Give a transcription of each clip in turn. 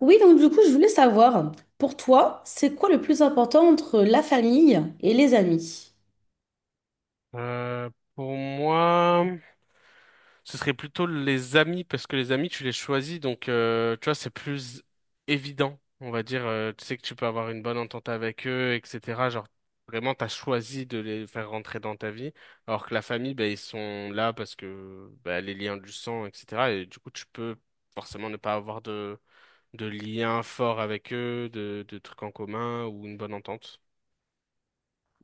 Oui, donc du coup, je voulais savoir, pour toi, c'est quoi le plus important entre la famille et les amis? Euh, pour moi, ce serait plutôt les amis, parce que les amis, tu les choisis, donc tu vois, c'est plus évident, on va dire. Tu sais que tu peux avoir une bonne entente avec eux, etc. Genre, vraiment, t'as choisi de les faire rentrer dans ta vie, alors que la famille, ben ils sont là parce que les liens du sang, etc. Et du coup, tu peux forcément ne pas avoir de lien fort avec eux, de trucs en commun ou une bonne entente.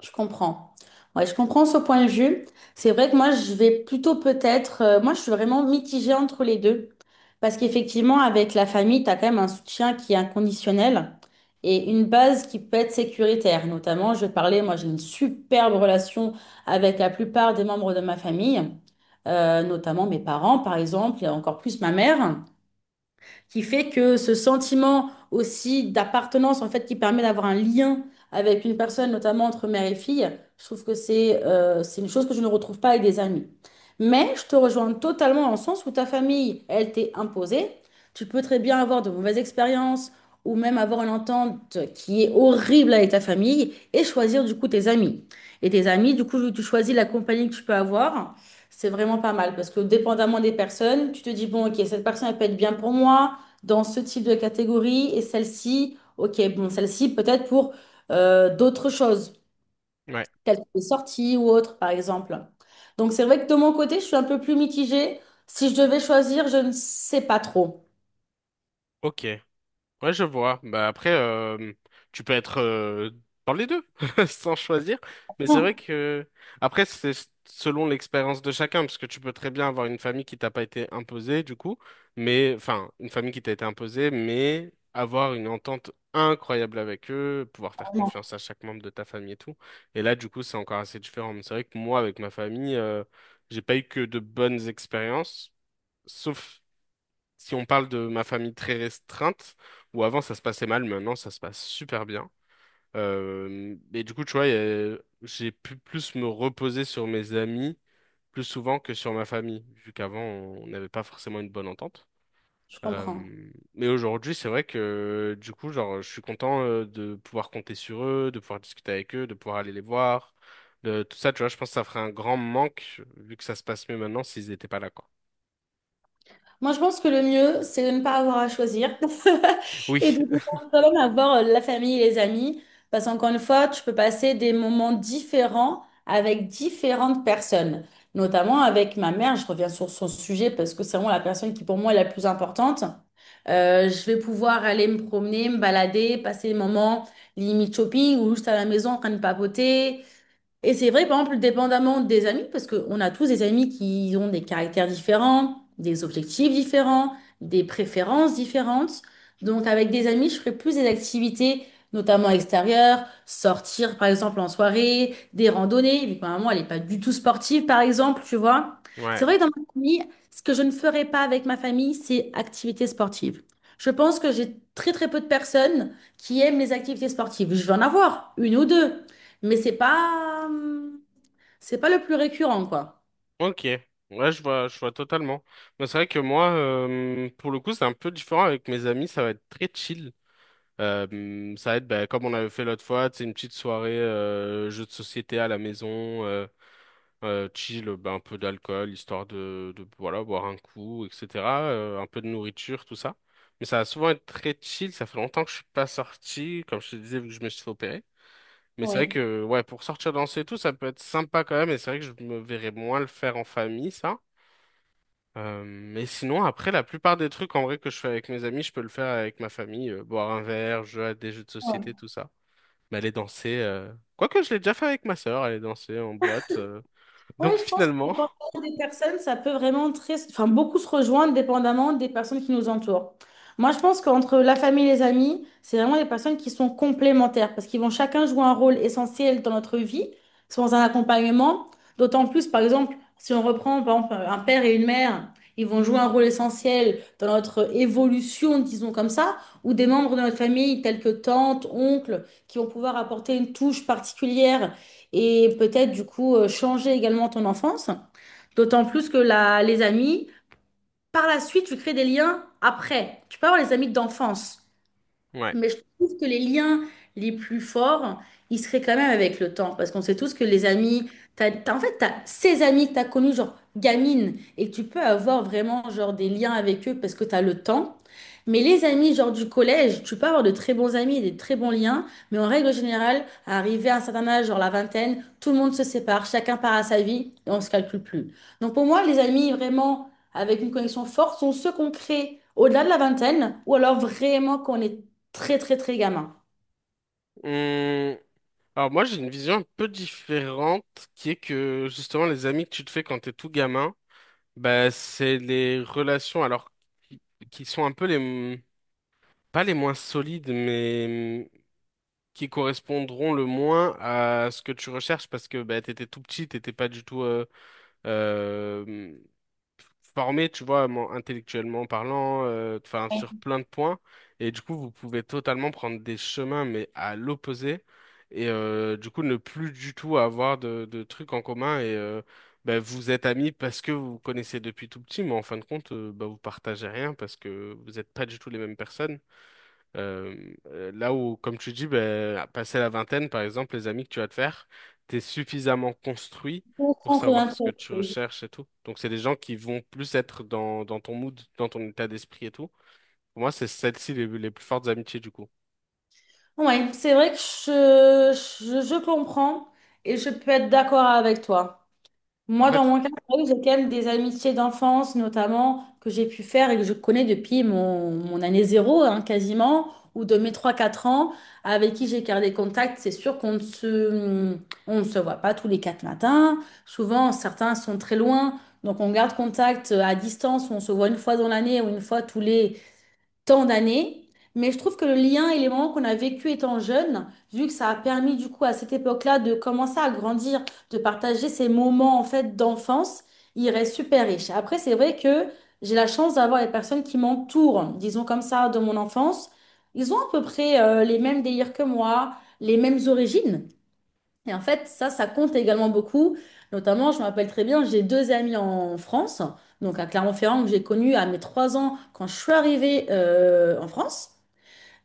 Je comprends. Ouais, je comprends ce point de vue. C'est vrai que moi, je vais plutôt peut-être, moi, je suis vraiment mitigée entre les deux. Parce qu'effectivement, avec la famille, tu as quand même un soutien qui est inconditionnel et une base qui peut être sécuritaire. Notamment, je parlais, moi, j'ai une superbe relation avec la plupart des membres de ma famille, notamment mes parents, par exemple, et encore plus ma mère, qui fait que ce sentiment aussi d'appartenance, en fait, qui permet d'avoir un lien avec une personne, notamment entre mère et fille, je trouve que c'est une chose que je ne retrouve pas avec des amis. Mais je te rejoins totalement dans le sens où ta famille, elle t'est imposée. Tu peux très bien avoir de mauvaises expériences ou même avoir une entente qui est horrible avec ta famille et choisir du coup tes amis. Et tes amis, du coup, tu choisis la compagnie que tu peux avoir, c'est vraiment pas mal parce que dépendamment des personnes, tu te dis, bon, ok, cette personne, elle peut être bien pour moi dans ce type de catégorie et celle-ci, ok, bon, celle-ci peut-être pour d'autres choses, Ouais, telles que les sorties ou autres, par exemple. Donc c'est vrai que de mon côté, je suis un peu plus mitigée. Si je devais choisir, je ne sais pas trop. ok. Ouais, je vois. Bah après, tu peux être dans les deux, sans choisir. Mais c'est Non, vrai que après, c'est selon l'expérience de chacun, parce que tu peux très bien avoir une famille qui t'a pas été imposée, du coup, mais enfin, une famille qui t'a été imposée, mais avoir une entente incroyable avec eux, pouvoir faire non, confiance à chaque membre de ta famille et tout. Et là, du coup, c'est encore assez différent. Mais c'est vrai que moi, avec ma famille, j'ai pas eu que de bonnes expériences, sauf si on parle de ma famille très restreinte, où avant ça se passait mal, maintenant ça se passe super bien. Et du coup, tu vois, j'ai pu plus me reposer sur mes amis plus souvent que sur ma famille, vu qu'avant on n'avait pas forcément une bonne entente. je comprends. Mais aujourd'hui, c'est vrai que du coup, genre, je suis content de pouvoir compter sur eux, de pouvoir discuter avec eux, de pouvoir aller les voir, de tout ça, tu vois, je pense que ça ferait un grand manque, vu que ça se passe mieux maintenant s'ils n'étaient pas là, quoi. Moi, je pense que le mieux, c'est de ne pas avoir à choisir Oui, et de pouvoir quand même avoir la famille et les amis. Parce qu'encore une fois, tu peux passer des moments différents avec différentes personnes. Notamment avec ma mère, je reviens sur son sujet parce que c'est vraiment la personne qui pour moi est la plus importante. Je vais pouvoir aller me promener, me balader, passer des moments limite shopping ou juste à la maison en train de papoter. Et c'est vrai, par exemple, dépendamment des amis, parce qu'on a tous des amis qui ont des caractères différents, des objectifs différents, des préférences différentes. Donc, avec des amis, je ferai plus des activités, notamment extérieures, sortir, par exemple, en soirée, des randonnées, vu que ma maman, elle n'est pas du tout sportive, par exemple, tu vois. C'est ouais. vrai que dans ma famille, ce que je ne ferai pas avec ma famille, c'est activités sportives. Je pense que j'ai très, très peu de personnes qui aiment les activités sportives. Je vais en avoir une ou deux. Mais c'est pas le plus récurrent, quoi. Ok, ouais, je vois totalement. Mais c'est vrai que moi, pour le coup, c'est un peu différent avec mes amis, ça va être très chill. Ça va être bah, comme on avait fait l'autre fois, c'est une petite soirée jeu de société à la maison, chill, bah, un peu d'alcool, histoire de voilà, boire un coup, etc. Un peu de nourriture, tout ça. Mais ça va souvent être très chill, ça fait longtemps que je suis pas sorti, comme je te disais, vu que je me suis fait opérer. Mais c'est vrai Oui. que ouais, pour sortir danser et tout, ça peut être sympa quand même, et c'est vrai que je me verrais moins le faire en famille, ça. Mais sinon, après, la plupart des trucs en vrai que je fais avec mes amis, je peux le faire avec ma famille. Boire un verre, jouer à des jeux de société, Oui. tout ça. Mais aller danser, quoique je l'ai déjà fait avec ma sœur, aller danser en boîte. Oui, Donc je pense que finalement, dépendamment des personnes, ça peut vraiment très, enfin, beaucoup se rejoindre dépendamment des personnes qui nous entourent. Moi, je pense qu'entre la famille et les amis, c'est vraiment des personnes qui sont complémentaires parce qu'ils vont chacun jouer un rôle essentiel dans notre vie, sans un accompagnement. D'autant plus, par exemple, si on reprend par exemple, un père et une mère, ils vont jouer un rôle essentiel dans notre évolution, disons comme ça, ou des membres de notre famille tels que tante, oncle, qui vont pouvoir apporter une touche particulière et peut-être du coup changer également ton enfance. D'autant plus que les amis, par la suite, tu crées des liens après. Tu peux avoir les amis d'enfance. ouais. Mais je trouve que les liens les plus forts, ils seraient quand même avec le temps. Parce qu'on sait tous que les amis, en fait, tu as ces amis que tu as connus, genre gamine, et que tu peux avoir vraiment genre, des liens avec eux parce que tu as le temps. Mais les amis, genre du collège, tu peux avoir de très bons amis et des très bons liens. Mais en règle générale, arrivé à un certain âge, genre la vingtaine, tout le monde se sépare, chacun part à sa vie et on ne se calcule plus. Donc pour moi, les amis vraiment avec une connexion forte sont ceux qu'on crée au-delà de la vingtaine ou alors vraiment qu'on est très, très, très gamin. Hum, alors moi, j'ai une vision un peu différente qui est que justement, les amis que tu te fais quand t'es tout gamin, bah, c'est les relations alors qui qui sont un peu les... m- Pas les moins solides, mais qui correspondront le moins à ce que tu recherches parce que bah, tu tout petit, t'étais pas du tout euh, formé, tu vois, mon- intellectuellement parlant, enfin sur plein de points. Et du coup, vous pouvez totalement prendre des chemins, mais à l'opposé. Et du coup, ne plus du tout avoir de trucs en commun. Et bah, vous êtes amis parce que vous vous connaissez depuis tout petit, mais en fin de compte, bah, vous partagez rien parce que vous n'êtes pas du tout les mêmes personnes. Là où, comme tu dis, ben, passer la vingtaine, par exemple, les amis que tu vas te faire, t'es suffisamment construit Je pour comprends savoir rien. ce que tu recherches et tout. Donc, c'est des gens qui vont plus être dans ton mood, dans ton état d'esprit et tout. Pour moi, c'est celles-ci les plus fortes amitiés, du coup. Ouais, c'est vrai que je comprends et je peux être d'accord avec toi. Moi, Après, dans mon cas, c'est vrai que j'ai quand même des amitiés d'enfance, notamment, que j'ai pu faire et que je connais depuis mon année zéro, hein, quasiment, ou de mes trois quatre ans, avec qui j'ai gardé contact. C'est sûr qu'on ne se voit pas tous les quatre matins. Souvent, certains sont très loin, donc on garde contact à distance, on se voit une fois dans l'année ou une fois tous les tant d'années, mais je trouve que le lien et les moments qu'on a vécu étant jeune, vu que ça a permis du coup à cette époque-là de commencer à grandir, de partager ces moments en fait d'enfance, il reste super riche. Après, c'est vrai que j'ai la chance d'avoir les personnes qui m'entourent, disons comme ça, de mon enfance. Ils ont à peu près les mêmes délires que moi, les mêmes origines. Et en fait, ça compte également beaucoup. Notamment, je me rappelle très bien, j'ai deux amis en France, donc à Clermont-Ferrand, que j'ai connu à mes 3 ans quand je suis arrivée en France,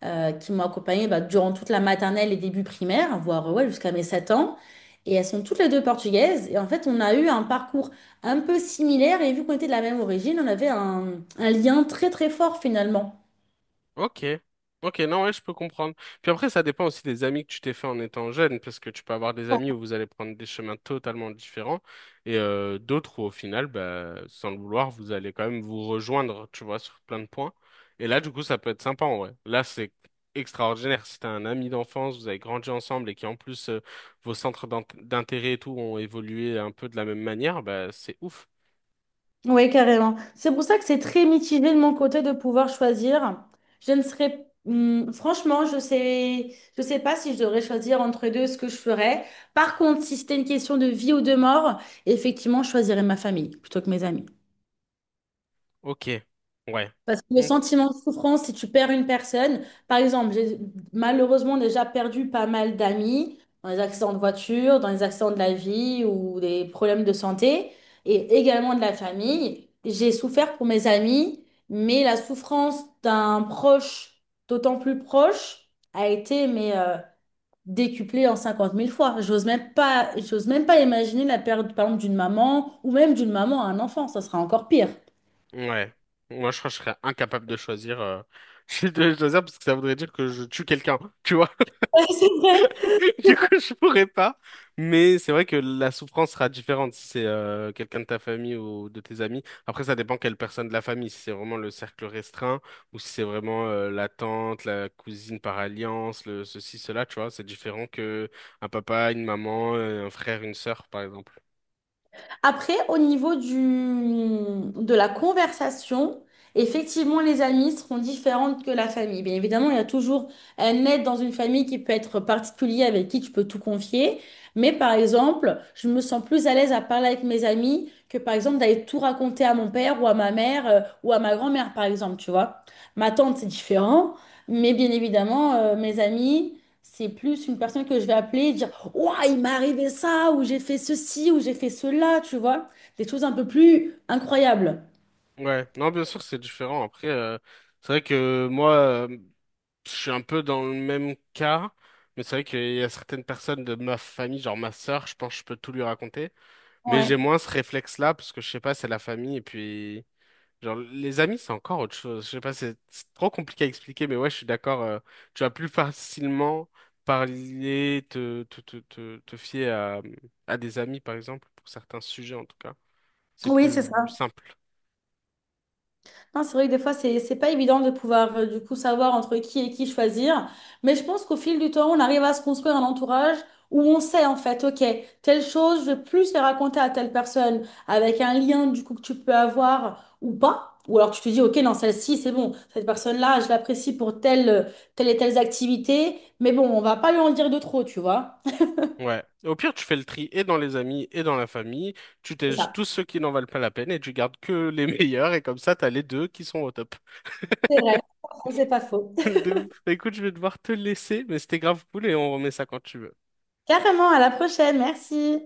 qui m'ont accompagnée bah, durant toute la maternelle et début primaire, voire ouais, jusqu'à mes 7 ans. Et elles sont toutes les deux portugaises. Et en fait, on a eu un parcours un peu similaire. Et vu qu'on était de la même origine, on avait un lien très très fort finalement. ok. Ok, non, ouais, je peux comprendre. Puis après, ça dépend aussi des amis que tu t'es fait en étant jeune, parce que tu peux avoir des amis où vous allez prendre des chemins totalement différents, et d'autres où au final, bah, sans le vouloir, vous allez quand même vous rejoindre, tu vois, sur plein de points. Et là, du coup, ça peut être sympa en vrai. Là, c'est extraordinaire. Si t'as un ami d'enfance, vous avez grandi ensemble et qui en plus vos centres d'intérêt et tout ont évolué un peu de la même manière, bah c'est ouf. Oui, carrément. C'est pour ça que c'est très mitigé de mon côté de pouvoir choisir. Je ne serais, franchement, je sais pas si je devrais choisir entre les deux ce que je ferais. Par contre, si c'était une question de vie ou de mort, effectivement, je choisirais ma famille plutôt que mes amis. Ok. Ouais. Parce que le Ok. sentiment de souffrance, si tu perds une personne, par exemple, j'ai malheureusement déjà perdu pas mal d'amis dans les accidents de voiture, dans les accidents de la vie ou des problèmes de santé, et également de la famille. J'ai souffert pour mes amis, mais la souffrance d'un proche, d'autant plus proche, a été mais, décuplée en 50 000 fois. J'ose même pas imaginer la perte, par exemple, d'une maman ou même d'une maman à un enfant, ça sera encore pire. Ouais. Moi, je crois que je serais incapable de choisir. Je suis de choisir parce que ça voudrait dire que je tue quelqu'un, tu vois. Ouais, c'est vrai. Du coup, je pourrais pas. Mais c'est vrai que la souffrance sera différente si c'est quelqu'un de ta famille ou de tes amis. Après, ça dépend quelle personne de la famille. Si c'est vraiment le cercle restreint ou si c'est vraiment la tante, la cousine par alliance, le ceci, cela, tu vois. C'est différent que un papa, une maman, un frère, une sœur, par exemple. Après, au niveau du, de la conversation, effectivement, les amis seront différentes que la famille. Bien évidemment, il y a toujours un aide dans une famille qui peut être particulier, avec qui tu peux tout confier. Mais par exemple, je me sens plus à l'aise à parler avec mes amis que par exemple d'aller tout raconter à mon père ou à ma mère ou à ma grand-mère, par exemple, tu vois. Ma tante, c'est différent. Mais bien évidemment, mes amis, c'est plus une personne que je vais appeler et dire. Ouah, il m'est arrivé ça, ou j'ai fait ceci, ou j'ai fait cela, tu vois. Des choses un peu plus incroyables. Ouais, non, bien sûr, c'est différent. Après, c'est vrai que moi. Je suis un peu dans le même cas, mais c'est vrai qu'il y a certaines personnes de ma famille, genre ma sœur, je pense que je peux tout lui raconter, mais j'ai Ouais. moins ce réflexe-là parce que je sais pas, c'est la famille et puis genre les amis, c'est encore autre chose. Je sais pas, c'est trop compliqué à expliquer, mais ouais, je suis d'accord. Tu vas plus facilement parler, te fier à des amis par exemple pour certains sujets en tout cas, c'est Oui, c'est plus ça. simple. Non, c'est vrai que des fois, c'est pas évident de pouvoir du coup savoir entre qui et qui choisir. Mais je pense qu'au fil du temps, on arrive à se construire un entourage où on sait en fait, ok, telle chose, je vais plus les raconter à telle personne avec un lien du coup que tu peux avoir ou pas. Ou alors tu te dis, ok, non, celle-ci, c'est bon, cette personne-là, je l'apprécie pour telle, telle et telle activité. Mais bon, on va pas lui en dire de trop, tu vois. Ouais. Au pire, tu fais le tri et dans les amis et dans la famille. Tu C'est tèges ça. tous ceux qui n'en valent pas la peine et tu gardes que les meilleurs. Et comme ça, t'as les deux qui sont au top. C'est vrai. C'est pas faux. De ouf. Écoute, je vais devoir te laisser, mais c'était grave cool et on remet ça quand tu veux. Carrément, à la prochaine. Merci.